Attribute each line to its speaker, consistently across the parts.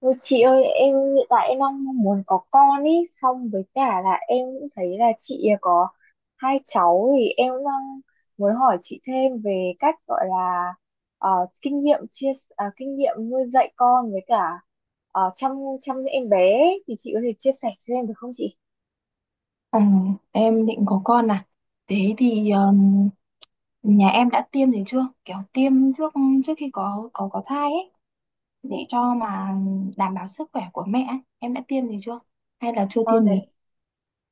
Speaker 1: Ôi chị ơi, em hiện tại em đang mong muốn có con ý, xong với cả là em cũng thấy là chị có hai cháu thì em cũng đang muốn hỏi chị thêm về cách gọi là ờ, kinh nghiệm kinh nghiệm nuôi dạy con với cả chăm chăm em bé ấy. Thì chị có thể chia sẻ cho em được không chị?
Speaker 2: Ừ, em định có con à? Thế thì nhà em đã tiêm gì chưa? Kiểu tiêm trước trước khi có thai ấy để cho mà đảm bảo sức khỏe của mẹ ấy. Em đã tiêm gì chưa? Hay là chưa
Speaker 1: Ờ,
Speaker 2: tiêm gì?
Speaker 1: đấy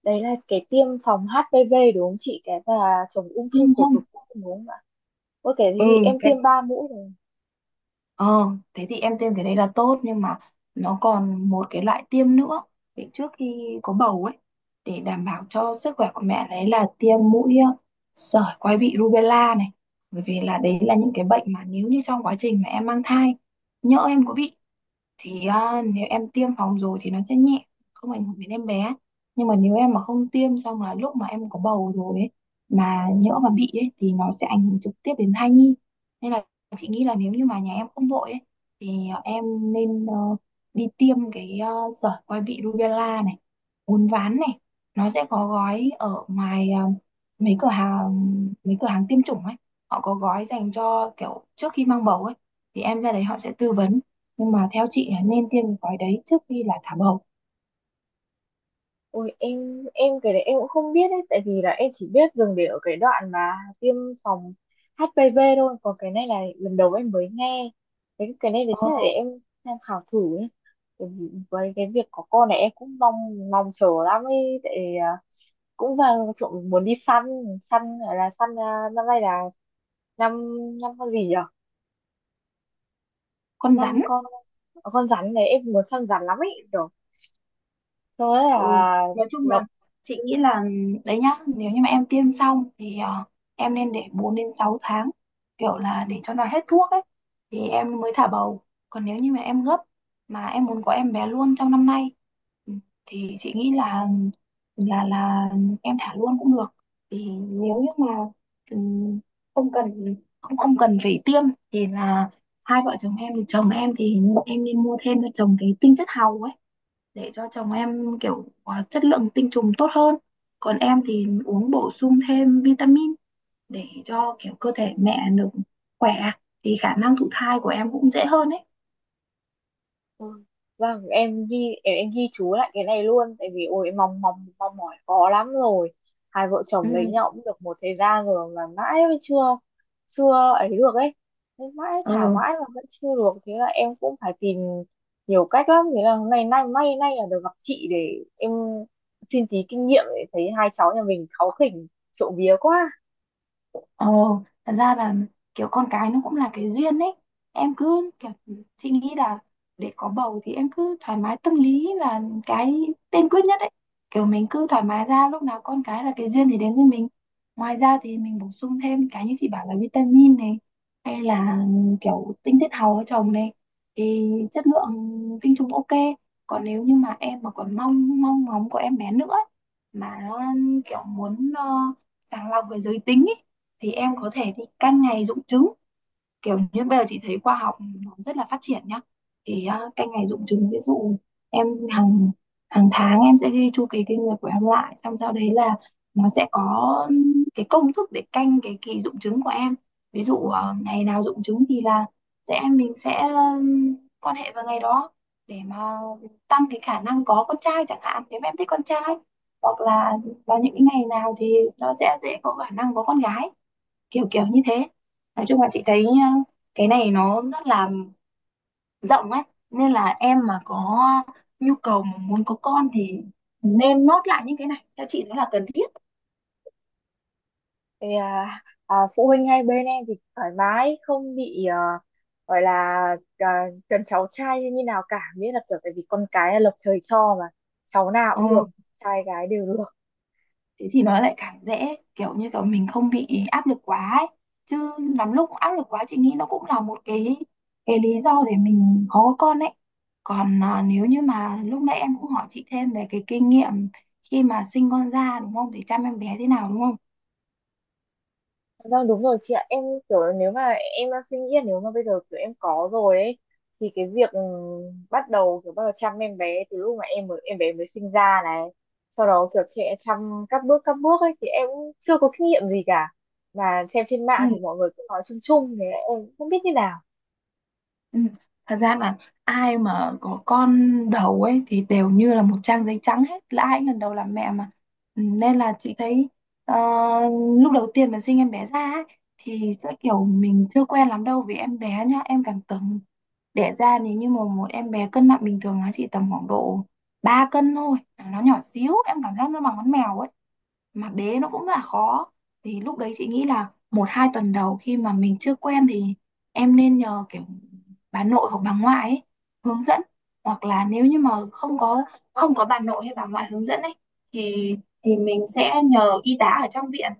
Speaker 1: đấy là cái tiêm phòng HPV đúng không chị? Cái và chống ung
Speaker 2: Ừ.
Speaker 1: thư cổ
Speaker 2: Không?
Speaker 1: tử cung đúng không ạ? Ôi cái thì
Speaker 2: Ừ.
Speaker 1: em tiêm ba mũi rồi.
Speaker 2: Ờ, thế thì em tiêm cái đấy là tốt, nhưng mà nó còn một cái loại tiêm nữa để trước khi có bầu ấy, để đảm bảo cho sức khỏe của mẹ, đấy là tiêm mũi sởi quai bị rubella này, bởi vì là đấy là những cái bệnh mà nếu như trong quá trình mà em mang thai nhỡ em có bị thì à, nếu em tiêm phòng rồi thì nó sẽ nhẹ, không ảnh hưởng đến em bé. Nhưng mà nếu em mà không tiêm, xong là lúc mà em có bầu rồi ấy, mà nhỡ mà bị ấy, thì nó sẽ ảnh hưởng trực tiếp đến thai nhi. Nên là chị nghĩ là nếu như mà nhà em không vội ấy, thì à, em nên đi tiêm cái sởi quai bị rubella này, uốn ván này. Nó sẽ có gói ở ngoài mấy cửa hàng mấy cửa hàng tiêm chủng ấy, họ có gói dành cho kiểu trước khi mang bầu ấy, thì em ra đấy họ sẽ tư vấn. Nhưng mà theo chị nên tiêm cái gói đấy trước khi là thả bầu.
Speaker 1: Ôi, em cái đấy em cũng không biết đấy, tại vì là em chỉ biết dừng để ở cái đoạn mà tiêm phòng HPV thôi, còn cái này là lần đầu em mới nghe cái này thì
Speaker 2: ờ,
Speaker 1: chắc là để em tham khảo thử nhé. Tại vì với cái việc có con này em cũng mong mong chờ lắm ấy, tại cũng vào trộm muốn đi săn săn là năm nay là năm năm con gì nhỉ?
Speaker 2: con
Speaker 1: Năm
Speaker 2: rắn.
Speaker 1: con rắn này em muốn săn rắn lắm ấy, kiểu thôi
Speaker 2: Ừ,
Speaker 1: là
Speaker 2: nói chung là
Speaker 1: là
Speaker 2: chị nghĩ là đấy nhá, nếu như mà em tiêm xong thì em nên để 4 đến 6 tháng, kiểu là để cho nó hết thuốc ấy, thì em mới thả bầu. Còn nếu như mà em gấp, mà em muốn có em bé luôn trong năm nay, ừ, thì chị nghĩ là em thả luôn cũng được. Thì nếu như mà ừ, không cần, không không cần phải tiêm, thì là hai vợ chồng em thì em nên mua thêm cho chồng cái tinh chất hàu ấy, để cho chồng em kiểu à, chất lượng tinh trùng tốt hơn. Còn em thì uống bổ sung thêm vitamin để cho kiểu cơ thể mẹ được khỏe, thì khả năng thụ thai của em cũng dễ hơn ấy.
Speaker 1: Ừ. Vâng, em ghi em ghi chú lại cái này luôn, tại vì ôi em mong mong mong mỏi khó lắm rồi. Hai vợ
Speaker 2: Ừ.
Speaker 1: chồng lấy nhau cũng được một thời gian rồi mà mãi mới chưa chưa ấy được ấy. Nên mãi thả
Speaker 2: ờ.
Speaker 1: mãi mà vẫn chưa được, thế là em cũng phải tìm nhiều cách lắm, thế là hôm nay nay may nay là được gặp chị để em xin tí kinh nghiệm để thấy hai cháu nhà mình cáu khỉnh, trộm vía quá.
Speaker 2: Ờ, thật ra là kiểu con cái nó cũng là cái duyên ấy. Em cứ kiểu, chị nghĩ là để có bầu thì em cứ thoải mái tâm lý là cái tiên quyết nhất ấy. Kiểu mình cứ thoải mái ra, lúc nào con cái là cái duyên thì đến với mình. Ngoài ra thì mình bổ sung thêm cái như chị bảo là vitamin này, hay là kiểu tinh chất hào ở chồng này, thì chất lượng tinh trùng ok. Còn nếu như mà em mà còn mong mong ngóng có em bé nữa ấy, mà kiểu muốn sàng lọc về giới tính ấy, thì em có thể đi canh ngày rụng trứng. Kiểu như bây giờ chị thấy khoa học nó rất là phát triển nhá, thì à, canh ngày rụng trứng, ví dụ em hàng hàng tháng em sẽ ghi chu kỳ kinh nguyệt của em lại, xong sau đấy là nó sẽ có cái công thức để canh cái kỳ rụng trứng của em. Ví dụ ngày nào rụng trứng thì là sẽ mình sẽ quan hệ vào ngày đó để mà tăng cái khả năng có con trai chẳng hạn, nếu mà em thích con trai. Hoặc là vào những cái ngày nào thì nó sẽ dễ có khả năng có con gái, kiểu kiểu như thế. Nói chung là chị thấy cái này nó rất là rộng ấy, nên là em mà có nhu cầu mà muốn có con thì nên nốt lại những cái này, theo chị nó là cần thiết.
Speaker 1: thì à, Phụ huynh hai bên em thì thoải mái, không bị gọi là cần cháu trai như nào cả, nghĩa là kiểu tại vì con cái là lập trời cho mà, cháu nào
Speaker 2: ờ,
Speaker 1: cũng được, trai gái đều được.
Speaker 2: thế thì nó lại càng dễ, kiểu như kiểu mình không bị áp lực quá ấy. Chứ lắm lúc áp lực quá chị nghĩ nó cũng là một cái lý do để mình khó có con ấy. Còn à, nếu như mà lúc nãy em cũng hỏi chị thêm về cái kinh nghiệm khi mà sinh con ra, đúng không, để chăm em bé thế nào đúng không.
Speaker 1: Vâng đúng rồi chị ạ, em kiểu nếu mà em đang suy nghĩ là nếu mà bây giờ kiểu em có rồi ấy, thì cái việc bắt đầu kiểu bắt đầu chăm em bé từ lúc mà em mới em bé mới sinh ra này, sau đó kiểu trẻ chăm các bước ấy thì em cũng chưa có kinh nghiệm gì cả, và xem trên
Speaker 2: Ừ,
Speaker 1: mạng thì mọi người cũng nói chung chung, thế em cũng không biết như nào.
Speaker 2: Ừ. Thật ra là ai mà có con đầu ấy thì đều như là một trang giấy trắng hết, là ai cũng lần đầu làm mẹ mà. Ừ, nên là chị thấy ờ, lúc đầu tiên mà sinh em bé ra ấy, thì sẽ kiểu mình chưa quen lắm đâu, vì em bé nhá, em cảm tưởng đẻ ra nếu như mà một em bé cân nặng bình thường nó chỉ tầm khoảng độ 3 cân thôi, nó nhỏ xíu, em cảm giác nó bằng con mèo ấy, mà bé nó cũng là khó. Thì lúc đấy chị nghĩ là 1-2 tuần đầu khi mà mình chưa quen, thì em nên nhờ kiểu bà nội hoặc bà ngoại ấy, hướng dẫn. Hoặc là nếu như mà không có bà nội hay bà ngoại hướng dẫn ấy, thì thì mình sẽ nhờ y tá ở trong viện,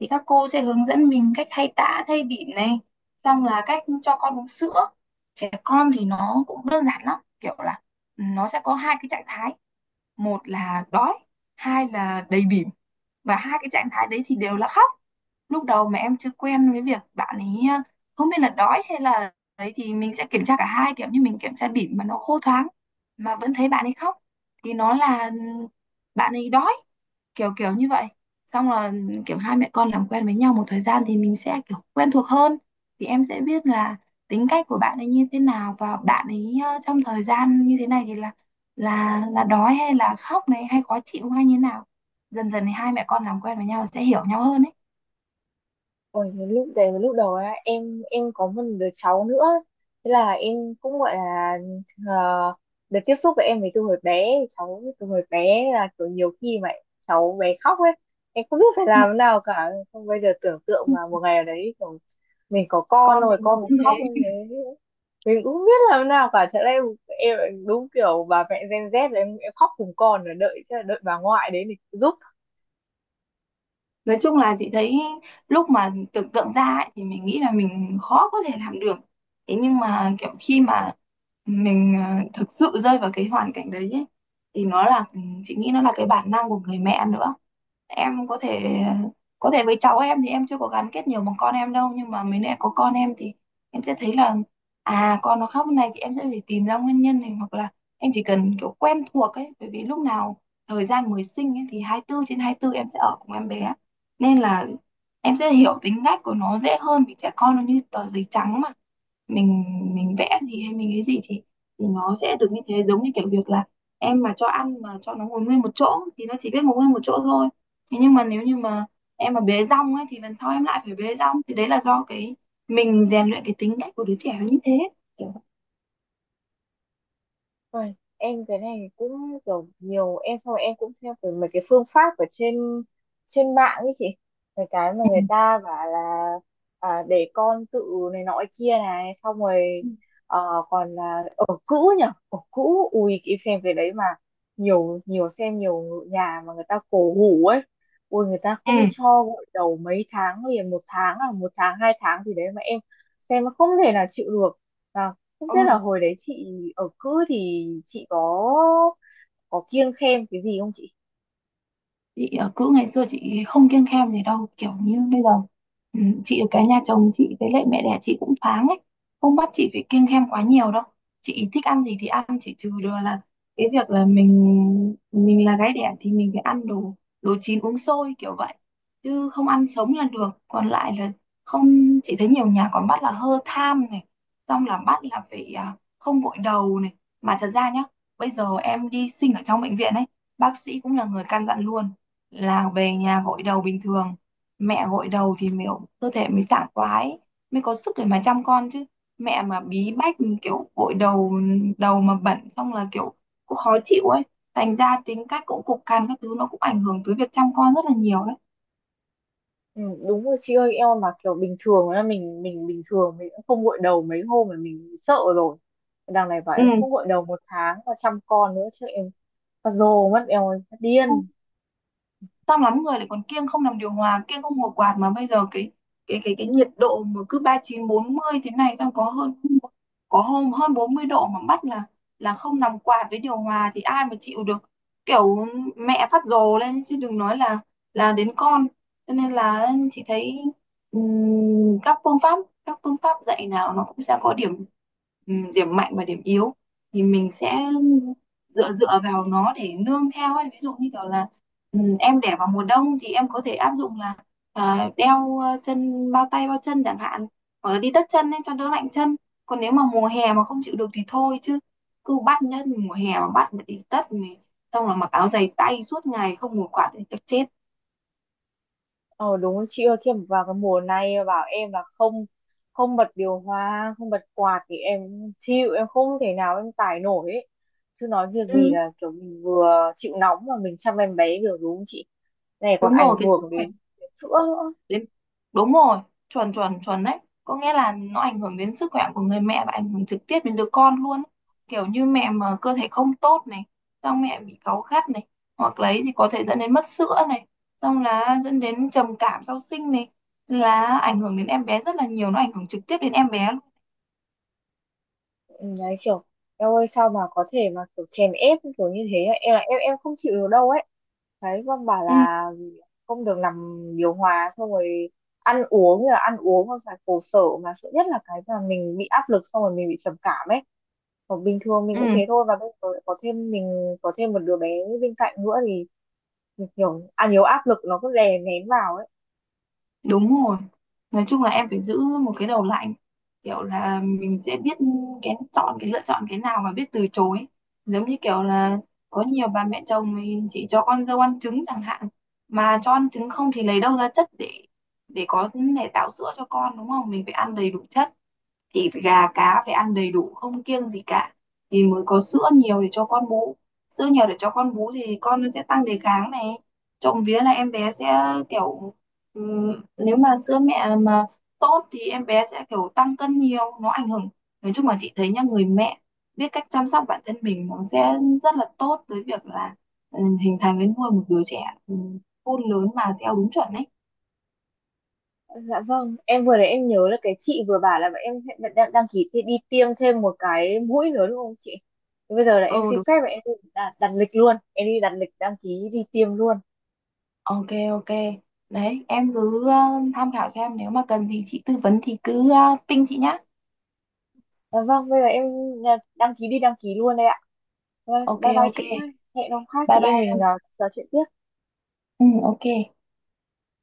Speaker 2: thì các cô sẽ hướng dẫn mình cách thay tã thay bỉm này, xong là cách cho con uống sữa. Trẻ con thì nó cũng đơn giản lắm, kiểu là nó sẽ có hai cái trạng thái, một là đói, hai là đầy bỉm, và hai cái trạng thái đấy thì đều là khóc. Lúc đầu mà em chưa quen với việc bạn ấy không biết là đói hay là đấy, thì mình sẽ kiểm tra cả hai, kiểu như mình kiểm tra bỉm mà nó khô thoáng mà vẫn thấy bạn ấy khóc thì nó là bạn ấy đói, kiểu kiểu như vậy. Xong là kiểu hai mẹ con làm quen với nhau một thời gian thì mình sẽ kiểu quen thuộc hơn, thì em sẽ biết là tính cách của bạn ấy như thế nào, và bạn ấy trong thời gian như thế này thì là đói hay là khóc này, hay khó chịu hay như thế nào. Dần dần thì hai mẹ con làm quen với nhau sẽ hiểu nhau hơn ấy.
Speaker 1: Ôi, cái lúc đấy cái lúc đầu á, em có một đứa cháu nữa, thế là em cũng gọi là ờ, được tiếp xúc với em ấy từ hồi bé cháu, từ hồi bé là kiểu nhiều khi mà cháu bé khóc ấy, em không biết phải
Speaker 2: Ừ.
Speaker 1: làm thế nào cả, xong bây giờ tưởng tượng mà
Speaker 2: Ừ.
Speaker 1: một ngày nào đấy kiểu mình có con
Speaker 2: Con
Speaker 1: rồi,
Speaker 2: mình nó
Speaker 1: con mình
Speaker 2: cũng
Speaker 1: khóc như
Speaker 2: thế.
Speaker 1: thế mình cũng không biết làm thế nào cả, thế là em đúng kiểu bà mẹ Gen Z là em khóc cùng con rồi đợi, thế là đợi bà ngoại đến để giúp.
Speaker 2: Nói chung là chị thấy lúc mà tưởng tượng ra ấy, thì mình nghĩ là mình khó có thể làm được. Thế nhưng mà kiểu khi mà mình thực sự rơi vào cái hoàn cảnh đấy ấy, thì nó là chị nghĩ nó là cái bản năng của người mẹ nữa. Em có thể với cháu em thì em chưa có gắn kết nhiều bằng con em đâu, nhưng mà mới lại có con em thì em sẽ thấy là à, con nó khóc như này thì em sẽ phải tìm ra nguyên nhân này. Hoặc là em chỉ cần kiểu quen thuộc ấy, bởi vì lúc nào thời gian mới sinh ấy, thì 24/24 em sẽ ở cùng em bé, nên là em sẽ hiểu tính cách của nó dễ hơn, vì trẻ con nó như tờ giấy trắng mà, mình mình vẽ gì hay mình cái gì thì nó sẽ được như thế. Giống như kiểu việc là em mà cho ăn mà cho nó ngồi nguyên một chỗ thì nó chỉ biết ngồi nguyên một chỗ thôi. Thế nhưng mà nếu như mà em mà bế rong ấy, thì lần sau em lại phải bế rong, thì đấy là do cái mình rèn luyện cái tính cách của đứa trẻ nó như thế, kiểu.
Speaker 1: Ôi, em cái này cũng kiểu nhiều em, xong rồi em cũng xem về mấy cái phương pháp ở trên trên mạng ấy chị, mấy cái mà người ta bảo là để con tự này nọ kia này, xong rồi
Speaker 2: Ừ.
Speaker 1: ờ, còn là ở cũ nhỉ, ở cũ, ui em xem cái đấy mà nhiều nhiều xem nhiều nhà mà người ta cổ hủ ấy, ui người ta
Speaker 2: Ừ.
Speaker 1: không cho gội đầu mấy tháng liền, một tháng à một tháng hai tháng gì đấy, mà em xem nó không thể nào chịu được. Và không
Speaker 2: Ừ.
Speaker 1: biết là hồi đấy chị ở cữ thì chị có kiêng khem cái gì không chị?
Speaker 2: Chị cữ ngày xưa chị không kiêng khem gì đâu, kiểu như bây giờ ừ, chị ở cái nhà chồng chị với lại mẹ đẻ chị cũng thoáng ấy, không bắt chị phải kiêng khem quá nhiều đâu. Chị thích ăn gì thì ăn, chỉ trừ được là cái việc là mình là gái đẻ thì mình phải ăn đồ đồ chín uống sôi kiểu vậy, chứ không ăn sống là được. Còn lại là không, chị thấy nhiều nhà còn bắt là hơ than này, xong là bắt là phải à, không gội đầu này. Mà thật ra nhá, bây giờ em đi sinh ở trong bệnh viện ấy, bác sĩ cũng là người căn dặn luôn là về nhà gội đầu bình thường. Mẹ gội đầu thì mới cơ thể mới sảng khoái, mới có sức để mà chăm con chứ. Mẹ mà bí bách, kiểu gội đầu, đầu mà bẩn xong là kiểu cũng khó chịu ấy, thành ra tính cách cũng cục cằn các thứ, nó cũng ảnh hưởng tới việc chăm con rất là nhiều đấy.
Speaker 1: Ừ, đúng rồi chị ơi, em mà kiểu bình thường á, mình bình thường mình cũng không gội đầu mấy hôm mà mình sợ rồi. Đằng này bảo em
Speaker 2: Ừ.
Speaker 1: không gội đầu một tháng và chăm con nữa chứ, em phát rồ mất em ơi, phát điên.
Speaker 2: Xong lắm người lại còn kiêng không làm điều hòa, kiêng không ngồi quạt, mà bây giờ cái nhiệt độ mà cứ 39-40 thế này, xong có hôm hơn 40 độ mà bắt là không nằm quạt với điều hòa thì ai mà chịu được. Kiểu mẹ phát rồ lên chứ đừng nói là đến con. Cho nên là chị thấy ừm, các phương pháp các phương pháp dạy nào nó cũng sẽ có điểm, điểm mạnh và điểm yếu. Thì mình sẽ dựa dựa vào nó để nương theo ấy. Ví dụ như kiểu là, ừ, em để vào mùa đông thì em có thể áp dụng là à, đeo chân, bao tay bao chân chẳng hạn, hoặc là đi tất chân ấy cho đỡ lạnh chân. Còn nếu mà mùa hè mà không chịu được thì thôi, chứ cứ bắt nhá, mùa hè mà bắt mà đi tất này, xong là mặc áo dày tay suốt ngày không một quạt thì chắc chết.
Speaker 1: Ờ đúng rồi, chị ơi khi mà vào cái mùa này bảo em là không không bật điều hòa, không bật quạt thì em chịu, em không thể nào em tải nổi ấy. Chứ nói việc gì
Speaker 2: Ừ.
Speaker 1: là kiểu mình vừa chịu nóng mà mình chăm em bé được đúng không chị, này còn
Speaker 2: Đúng rồi,
Speaker 1: ảnh
Speaker 2: cái sức
Speaker 1: hưởng
Speaker 2: khỏe.
Speaker 1: đến sữa nữa.
Speaker 2: Đến, đúng rồi, chuẩn chuẩn chuẩn đấy, có nghĩa là nó ảnh hưởng đến sức khỏe của người mẹ và ảnh hưởng trực tiếp đến đứa con luôn ấy. Kiểu như mẹ mà cơ thể không tốt này, xong mẹ bị cáu gắt này, hoặc lấy thì có thể dẫn đến mất sữa này, xong là dẫn đến trầm cảm sau sinh này, là ảnh hưởng đến em bé rất là nhiều, nó ảnh hưởng trực tiếp đến em bé luôn.
Speaker 1: Ừ, đấy kiểu em ơi, sao mà có thể mà kiểu chèn ép kiểu như thế ấy? Em là em không chịu được đâu ấy, đấy con bảo
Speaker 2: Ừ.
Speaker 1: là không được làm điều hòa, xong rồi ăn uống là ăn uống mà phải khổ sở, mà sợ nhất là cái mà mình bị áp lực xong rồi mình bị trầm cảm ấy, còn bình thường mình cũng
Speaker 2: Ừ.
Speaker 1: thế thôi, và bây giờ lại có thêm mình có thêm một đứa bé bên cạnh nữa thì mình kiểu ăn nhiều áp lực, nó cứ đè nén vào ấy.
Speaker 2: Đúng rồi. Nói chung là em phải giữ một cái đầu lạnh. Kiểu là mình sẽ biết cái chọn, cái lựa chọn cái nào và biết từ chối. Giống như kiểu là có nhiều bà mẹ chồng thì chỉ cho con dâu ăn trứng chẳng hạn. Mà cho ăn trứng không thì lấy đâu ra chất để có thể tạo sữa cho con, đúng không? Mình phải ăn đầy đủ chất, thịt gà cá phải ăn đầy đủ, không kiêng gì cả, thì mới có sữa nhiều để cho con bú. Sữa nhiều để cho con bú thì con nó sẽ tăng đề kháng này. Trộm vía là em bé sẽ kiểu nếu mà sữa mẹ mà tốt thì em bé sẽ kiểu tăng cân nhiều, nó ảnh hưởng. Nói chung là chị thấy nhá, người mẹ biết cách chăm sóc bản thân mình nó sẽ rất là tốt tới việc là hình thành đến nuôi một đứa trẻ ừm, khôn lớn mà theo đúng chuẩn ấy.
Speaker 1: Dạ vâng, em vừa đấy em nhớ là cái chị vừa bảo là bọn em sẽ đăng ký đi tiêm thêm một cái mũi nữa đúng không chị? Thế bây giờ là em
Speaker 2: Ừ,
Speaker 1: xin
Speaker 2: đúng.
Speaker 1: phép và em đi đặt lịch luôn, em đi đặt lịch đăng ký đi tiêm luôn.
Speaker 2: Ok, ok. Đấy, em cứ tham khảo xem, nếu mà cần gì chị tư vấn thì cứ ping chị nhá.
Speaker 1: Dạ vâng, bây giờ em đăng ký đi đăng ký luôn đây ạ. Vâng,
Speaker 2: Ok
Speaker 1: bye bye
Speaker 2: ok.
Speaker 1: chị nhá. Hẹn hôm khác chị
Speaker 2: Bye
Speaker 1: em mình
Speaker 2: bye.
Speaker 1: trò chuyện tiếp.
Speaker 2: Ừ, ok.